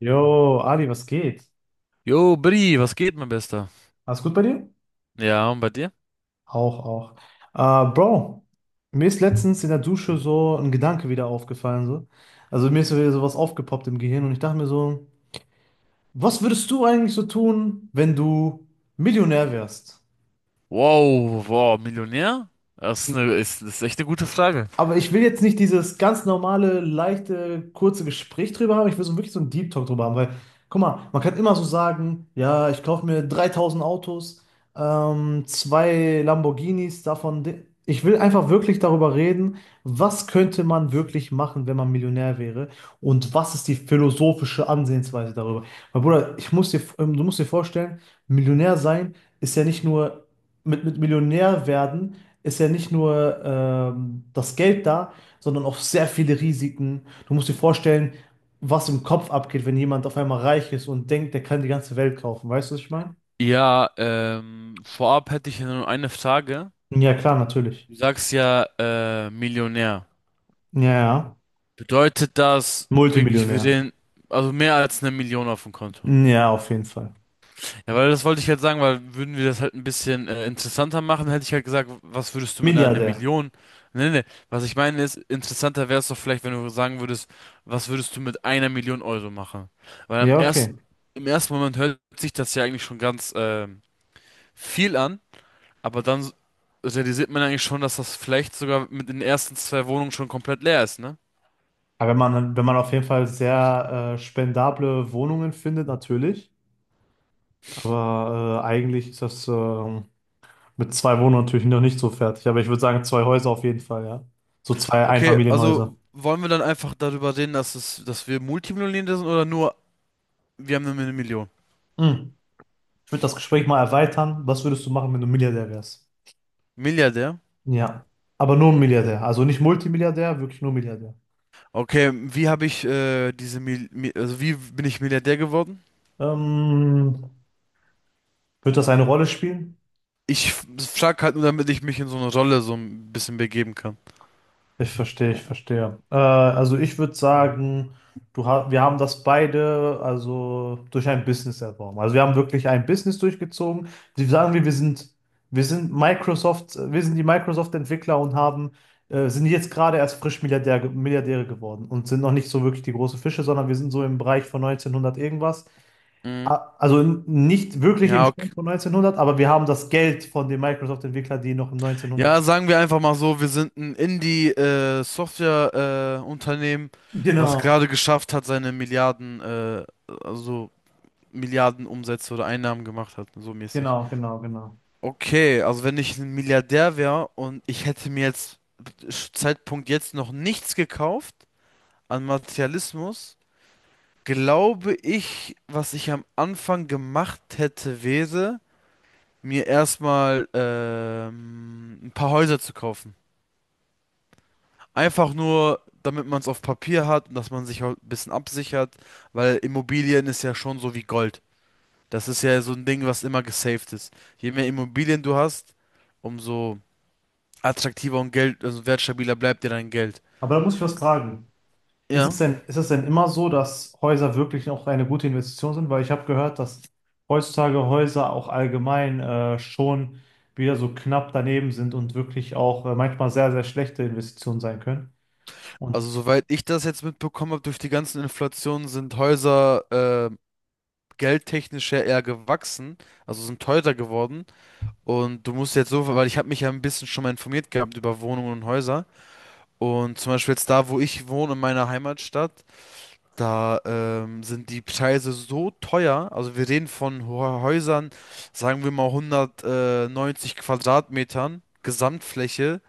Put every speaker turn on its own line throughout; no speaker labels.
Jo, Ali, was geht?
Jo, Bri, was geht, mein Bester?
Alles gut bei dir?
Ja, und bei dir?
Auch, auch. Bro, mir ist letztens in der Dusche so ein Gedanke wieder aufgefallen. So. Also mir ist so wieder sowas aufgepoppt im Gehirn und ich dachte mir so, was würdest du eigentlich so tun, wenn du Millionär wärst?
Wow, wow, Millionär? Das ist echt eine gute Frage.
Aber ich will jetzt nicht dieses ganz normale, leichte, kurze Gespräch drüber haben. Ich will so wirklich so einen Deep Talk drüber haben, weil, guck mal, man kann immer so sagen, ja, ich kaufe mir 3.000 Autos, zwei Lamborghinis davon. Ich will einfach wirklich darüber reden, was könnte man wirklich machen, wenn man Millionär wäre und was ist die philosophische Ansehensweise darüber. Weil, Bruder, ich muss dir, du musst dir vorstellen, Millionär sein ist ja nicht nur mit Millionär werden ist ja nicht nur das Geld da, sondern auch sehr viele Risiken. Du musst dir vorstellen, was im Kopf abgeht, wenn jemand auf einmal reich ist und denkt, der kann die ganze Welt kaufen. Weißt du, was ich meine?
Ja, vorab hätte ich ja nur eine Frage.
Ja, klar, natürlich.
Du sagst ja, Millionär.
Ja, ja.
Bedeutet das wirklich, wir
Multimillionär.
sehen, also mehr als eine Million auf dem Konto?
Ja, auf jeden Fall.
Ja, weil das wollte ich halt sagen, weil würden wir das halt ein bisschen interessanter machen, hätte ich halt gesagt, was würdest du mit einer
Milliardär.
Million? Nee, nee, was ich meine ist, interessanter wäre es doch vielleicht, wenn du sagen würdest, was würdest du mit einer Million Euro machen? Weil am
Ja, okay.
ersten, Im ersten Moment hört sich das ja eigentlich schon ganz viel an, aber dann realisiert man eigentlich schon, dass das vielleicht sogar mit den ersten zwei Wohnungen schon komplett leer ist, ne?
Aber wenn man, wenn man auf jeden Fall sehr spendable Wohnungen findet, natürlich. Aber eigentlich ist das mit zwei Wohnungen natürlich noch nicht so fertig. Aber ich würde sagen, zwei Häuser auf jeden Fall, ja. So zwei
Okay,
Einfamilienhäuser.
also wollen wir dann einfach darüber reden, dass wir Multimillionäre sind, oder nur, wir haben nur eine Million?
Hm. Ich würde das Gespräch mal erweitern. Was würdest du machen, wenn du Milliardär wärst?
Milliardär?
Ja. Aber nur ein Milliardär. Also nicht Multimilliardär, wirklich nur Milliardär.
Okay, wie habe ich diese Mil Mi also wie bin ich Milliardär geworden?
Ähm, wird das eine Rolle spielen?
Ich frag halt nur, damit ich mich in so eine Rolle so ein bisschen begeben kann.
Ich verstehe, ich verstehe. Also ich würde sagen, du ha wir haben das beide also durch ein Business erworben. Also wir haben wirklich ein Business durchgezogen. Die sagen wir, wir sind Microsoft, wir sind die Microsoft-Entwickler und haben, sind jetzt gerade erst frisch Milliardäre geworden und sind noch nicht so wirklich die großen Fische, sondern wir sind so im Bereich von 1900 irgendwas.
Mhm.
Also nicht wirklich im
Ja, okay.
Stand von 1900, aber wir haben das Geld von den Microsoft-Entwicklern, die noch im 1900
Ja,
sind.
sagen wir einfach mal so, wir sind ein Indie Software Unternehmen, was
Genau,
gerade geschafft hat, seine Milliarden also Milliarden Umsätze oder Einnahmen gemacht hat, so mäßig.
genau, genau, genau.
Okay, also wenn ich ein Milliardär wäre und ich hätte mir jetzt Zeitpunkt jetzt noch nichts gekauft an Materialismus, glaube ich, was ich am Anfang gemacht hätte, wäre, mir erstmal ein paar Häuser zu kaufen. Einfach nur, damit man es auf Papier hat und dass man sich auch ein bisschen absichert, weil Immobilien ist ja schon so wie Gold. Das ist ja so ein Ding, was immer gesaved ist. Je mehr Immobilien du hast, umso attraktiver und Geld, also wertstabiler bleibt dir dein Geld.
Aber da muss ich was fragen.
Ja.
Ist es denn immer so, dass Häuser wirklich auch eine gute Investition sind? Weil ich habe gehört, dass heutzutage Häuser auch allgemein schon wieder so knapp daneben sind und wirklich auch manchmal sehr, sehr schlechte Investitionen sein können.
Also
Und
soweit ich das jetzt mitbekommen habe durch die ganzen Inflationen, sind Häuser geldtechnisch ja eher gewachsen, also sind teurer geworden. Und du musst jetzt so, weil ich habe mich ja ein bisschen schon mal informiert gehabt über Wohnungen und Häuser. Und zum Beispiel jetzt da, wo ich wohne, in meiner Heimatstadt, da sind die Preise so teuer. Also wir reden von Häusern, sagen wir mal 190 Quadratmetern Gesamtfläche.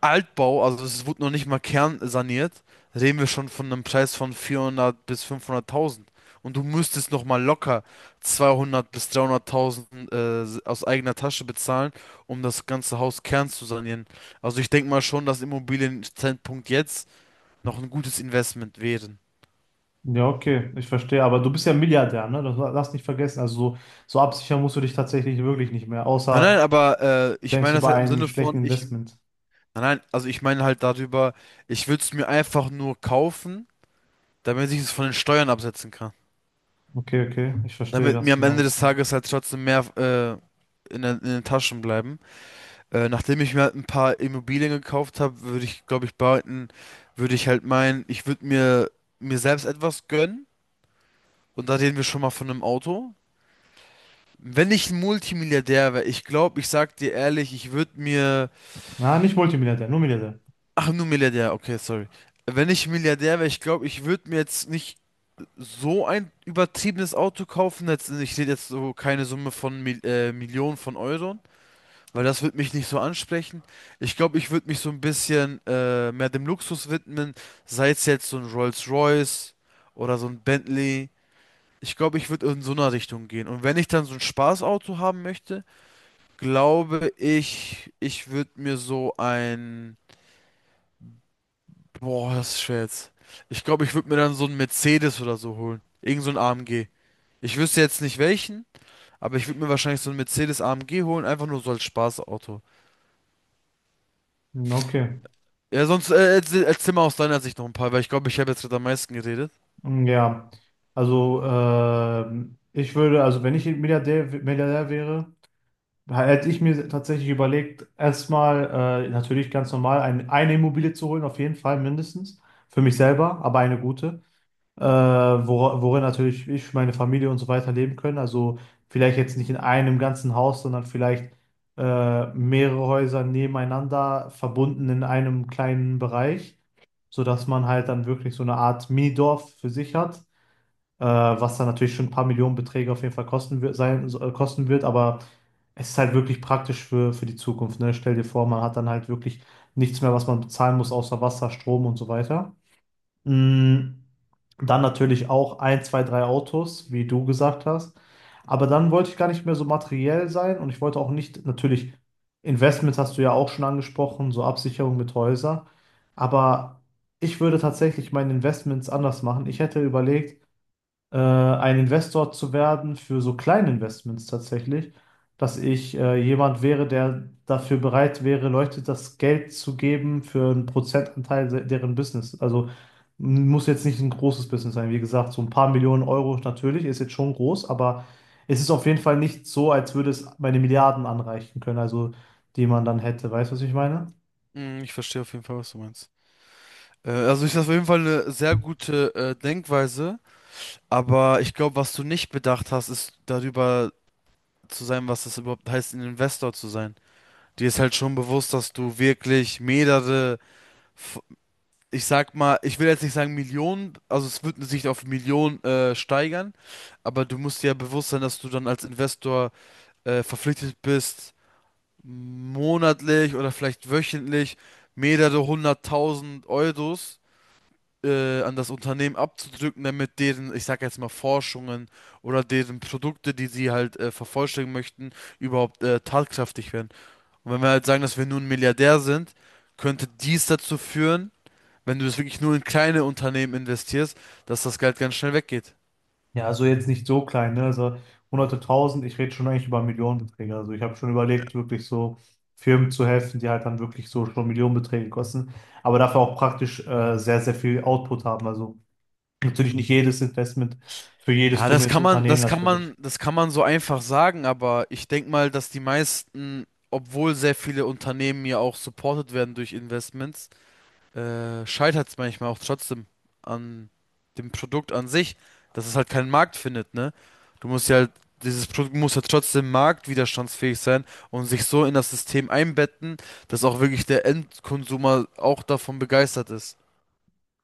Altbau, also es wurde noch nicht mal kernsaniert, reden wir schon von einem Preis von 400 bis 500.000. Und du müsstest noch mal locker 200 bis 300.000 aus eigener Tasche bezahlen, um das ganze Haus Kern zu sanieren. Also ich denke mal schon, dass Immobilien Zeitpunkt jetzt noch ein gutes Investment wären.
ja, okay, ich verstehe. Aber du bist ja Milliardär, ne? Das lass nicht vergessen. Also so, so absichern musst du dich tatsächlich wirklich nicht mehr,
Nein,
außer
nein, aber
du
ich
denkst
meine das
über
halt im
einen
Sinne
schlechten
von,
Investment.
nein, nein, also ich meine halt darüber, ich würde es mir einfach nur kaufen, damit ich es von den Steuern absetzen kann.
Okay, okay, ich verstehe
Damit
ganz
mir am
genau.
Ende des Tages halt trotzdem mehr in, in den Taschen bleiben. Nachdem ich mir halt ein paar Immobilien gekauft habe, würde ich, glaube ich, behalten, würde ich halt meinen, ich würde mir, mir selbst etwas gönnen. Und da reden wir schon mal von einem Auto. Wenn ich ein Multimilliardär wäre, ich glaube, ich sag dir ehrlich, ich würde mir.
Na, nicht Multimilliardär, nur Milliardär.
Ach, nur Milliardär, okay, sorry. Wenn ich Milliardär wäre, ich glaube, ich würde mir jetzt nicht so ein übertriebenes Auto kaufen. Jetzt, ich rede jetzt so keine Summe von Millionen von Euro. Weil das würde mich nicht so ansprechen. Ich glaube, ich würde mich so ein bisschen mehr dem Luxus widmen, sei es jetzt so ein Rolls-Royce oder so ein Bentley. Ich glaube, ich würde in so einer Richtung gehen. Und wenn ich dann so ein Spaßauto haben möchte, glaube ich, ich würde mir so ein... Boah, das ist schwer jetzt. Ich glaube, ich würde mir dann so einen Mercedes oder so holen. Irgend so ein AMG. Ich wüsste jetzt nicht welchen, aber ich würde mir wahrscheinlich so einen Mercedes AMG holen, einfach nur so als Spaßauto.
Hm, okay.
Ja, sonst erzähl mal aus deiner Sicht noch ein paar, weil ich glaube, ich habe jetzt gerade am meisten geredet.
Hm, ja, also ich würde, also wenn ich Milliardär wäre, hätte ich mir tatsächlich überlegt, erstmal natürlich ganz normal eine Immobilie zu holen, auf jeden Fall mindestens, für mich selber, aber eine gute, worin natürlich ich, meine Familie und so weiter leben können. Also vielleicht jetzt nicht in einem ganzen Haus, sondern vielleicht mehrere Häuser nebeneinander verbunden in einem kleinen Bereich, sodass man halt dann wirklich so eine Art Minidorf für sich hat, was dann natürlich schon ein paar Millionenbeträge auf jeden Fall kosten wird, sein, kosten wird, aber es ist halt wirklich praktisch für die Zukunft, ne? Stell dir vor, man hat dann halt wirklich nichts mehr, was man bezahlen muss, außer Wasser, Strom und so weiter. Mm, Dann natürlich auch ein, zwei, drei Autos, wie du gesagt hast. Aber dann wollte ich gar nicht mehr so materiell sein und ich wollte auch nicht, natürlich, Investments hast du ja auch schon angesprochen, so Absicherung mit Häusern. Aber ich würde tatsächlich meine Investments anders machen. Ich hätte überlegt, ein Investor zu werden für so kleine Investments tatsächlich, dass ich jemand wäre, der dafür bereit wäre, Leute das Geld zu geben für einen Prozentanteil deren Business. Also muss jetzt nicht ein großes Business sein. Wie gesagt, so ein paar Millionen Euro natürlich ist jetzt schon groß, aber es ist auf jeden Fall nicht so, als würde es meine Milliarden anreichen können, also die man dann hätte. Weißt du, was ich meine?
Hm, ich verstehe auf jeden Fall, was du meinst. Also ich das auf jeden Fall eine sehr gute Denkweise, aber ich glaube, was du nicht bedacht hast, ist darüber zu sein, was es überhaupt heißt, ein Investor zu sein. Dir ist halt schon bewusst, dass du wirklich mehrere, f- ich sag mal, ich will jetzt nicht sagen Millionen, also es wird sich auf Millionen steigern, aber du musst dir ja bewusst sein, dass du dann als Investor verpflichtet bist, monatlich oder vielleicht wöchentlich mehrere hunderttausend Euros an das Unternehmen abzudrücken, damit deren, ich sag jetzt mal, Forschungen oder deren Produkte, die sie halt vervollständigen möchten, überhaupt tatkräftig werden. Und wenn wir halt sagen, dass wir nun Milliardär sind, könnte dies dazu führen, wenn du das wirklich nur in kleine Unternehmen investierst, dass das Geld ganz schnell weggeht.
Ja, also jetzt nicht so klein, ne? Also hunderte tausend, ich rede schon eigentlich über Millionenbeträge. Also ich habe schon überlegt, wirklich so Firmen zu helfen, die halt dann wirklich so schon Millionenbeträge kosten, aber dafür auch praktisch sehr, sehr viel Output haben. Also natürlich nicht jedes Investment für jedes
Ja,
dumme Unternehmen natürlich.
das kann man so einfach sagen, aber ich denke mal, dass die meisten, obwohl sehr viele Unternehmen ja auch supported werden durch Investments, scheitert es manchmal auch trotzdem an dem Produkt an sich, dass es halt keinen Markt findet, ne? Du musst ja halt, dieses Produkt muss ja trotzdem marktwiderstandsfähig sein und sich so in das System einbetten, dass auch wirklich der Endkonsumer auch davon begeistert ist.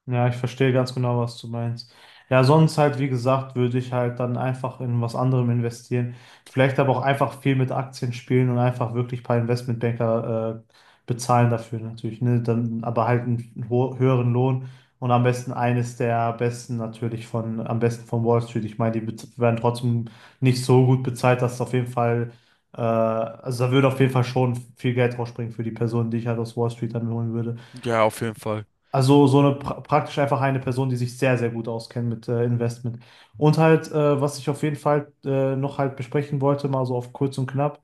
Ja, ich verstehe ganz genau, was du meinst. Ja, sonst halt, wie gesagt, würde ich halt dann einfach in was anderem investieren. Vielleicht aber auch einfach viel mit Aktien spielen und einfach wirklich ein paar Investmentbanker bezahlen dafür natürlich. Ne? Dann aber halt einen ho höheren Lohn und am besten eines der besten natürlich von, am besten von Wall Street. Ich meine, die werden trotzdem nicht so gut bezahlt, dass es auf jeden Fall, also da würde auf jeden Fall schon viel Geld rausspringen für die Person, die ich halt aus Wall Street dann holen würde.
Ja, auf jeden Fall.
Also so eine praktisch einfach eine Person, die sich sehr, sehr gut auskennt mit Investment. Und halt, was ich auf jeden Fall noch halt besprechen wollte, mal so auf kurz und knapp,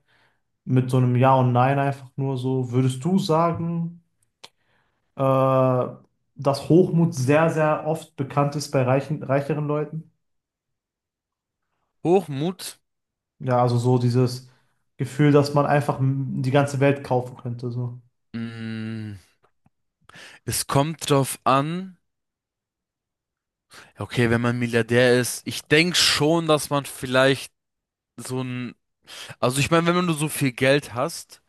mit so einem Ja und Nein einfach nur so, würdest du sagen, äh, dass Hochmut sehr, sehr oft bekannt ist bei reichen, reicheren Leuten?
Hochmut.
Ja, also so dieses Gefühl, dass man einfach die ganze Welt kaufen könnte, so.
Mm. Es kommt drauf an. Okay, wenn man Milliardär ist, ich denke schon, dass man vielleicht so ein, also ich meine, wenn du so viel Geld hast,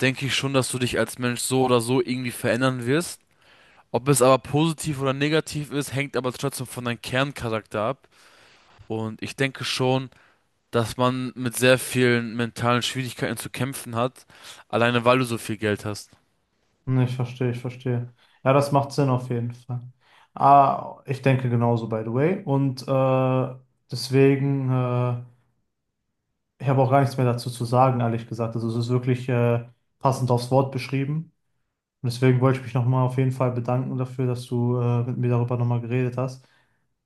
denke ich schon, dass du dich als Mensch so oder so irgendwie verändern wirst. Ob es aber positiv oder negativ ist, hängt aber trotzdem von deinem Kerncharakter ab. Und ich denke schon, dass man mit sehr vielen mentalen Schwierigkeiten zu kämpfen hat, alleine weil du so viel Geld hast.
Ich verstehe, ich verstehe. Ja, das macht Sinn auf jeden Fall. Ah, ich denke genauso, by the way. Und deswegen, ich habe auch gar nichts mehr dazu zu sagen, ehrlich gesagt. Also es ist wirklich passend aufs Wort beschrieben. Und deswegen wollte ich mich nochmal auf jeden Fall bedanken dafür, dass du mit mir darüber nochmal geredet hast,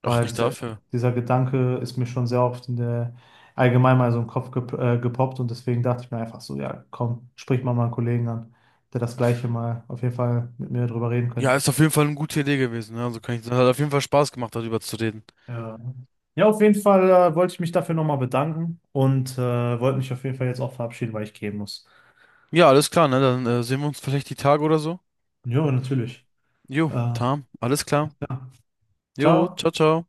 Ach,
weil
nicht dafür.
dieser Gedanke ist mir schon sehr oft in der, allgemein mal so im Kopf gepoppt und deswegen dachte ich mir einfach so, ja, komm, sprich mal meinen Kollegen an, der das Gleiche mal auf jeden Fall mit mir drüber reden
Ja,
könnte.
ist auf jeden Fall eine gute Idee gewesen, ne? Also kann ich, hat auf jeden Fall Spaß gemacht, darüber zu reden.
Ja, ja auf jeden Fall wollte ich mich dafür nochmal bedanken und wollte mich auf jeden Fall jetzt auch verabschieden, weil ich gehen muss.
Ja, alles klar, ne? Dann sehen wir uns vielleicht die Tage oder so.
Ja, natürlich.
Jo,
Äh,
Tam, alles klar. Jo,
ciao.
ciao, ciao.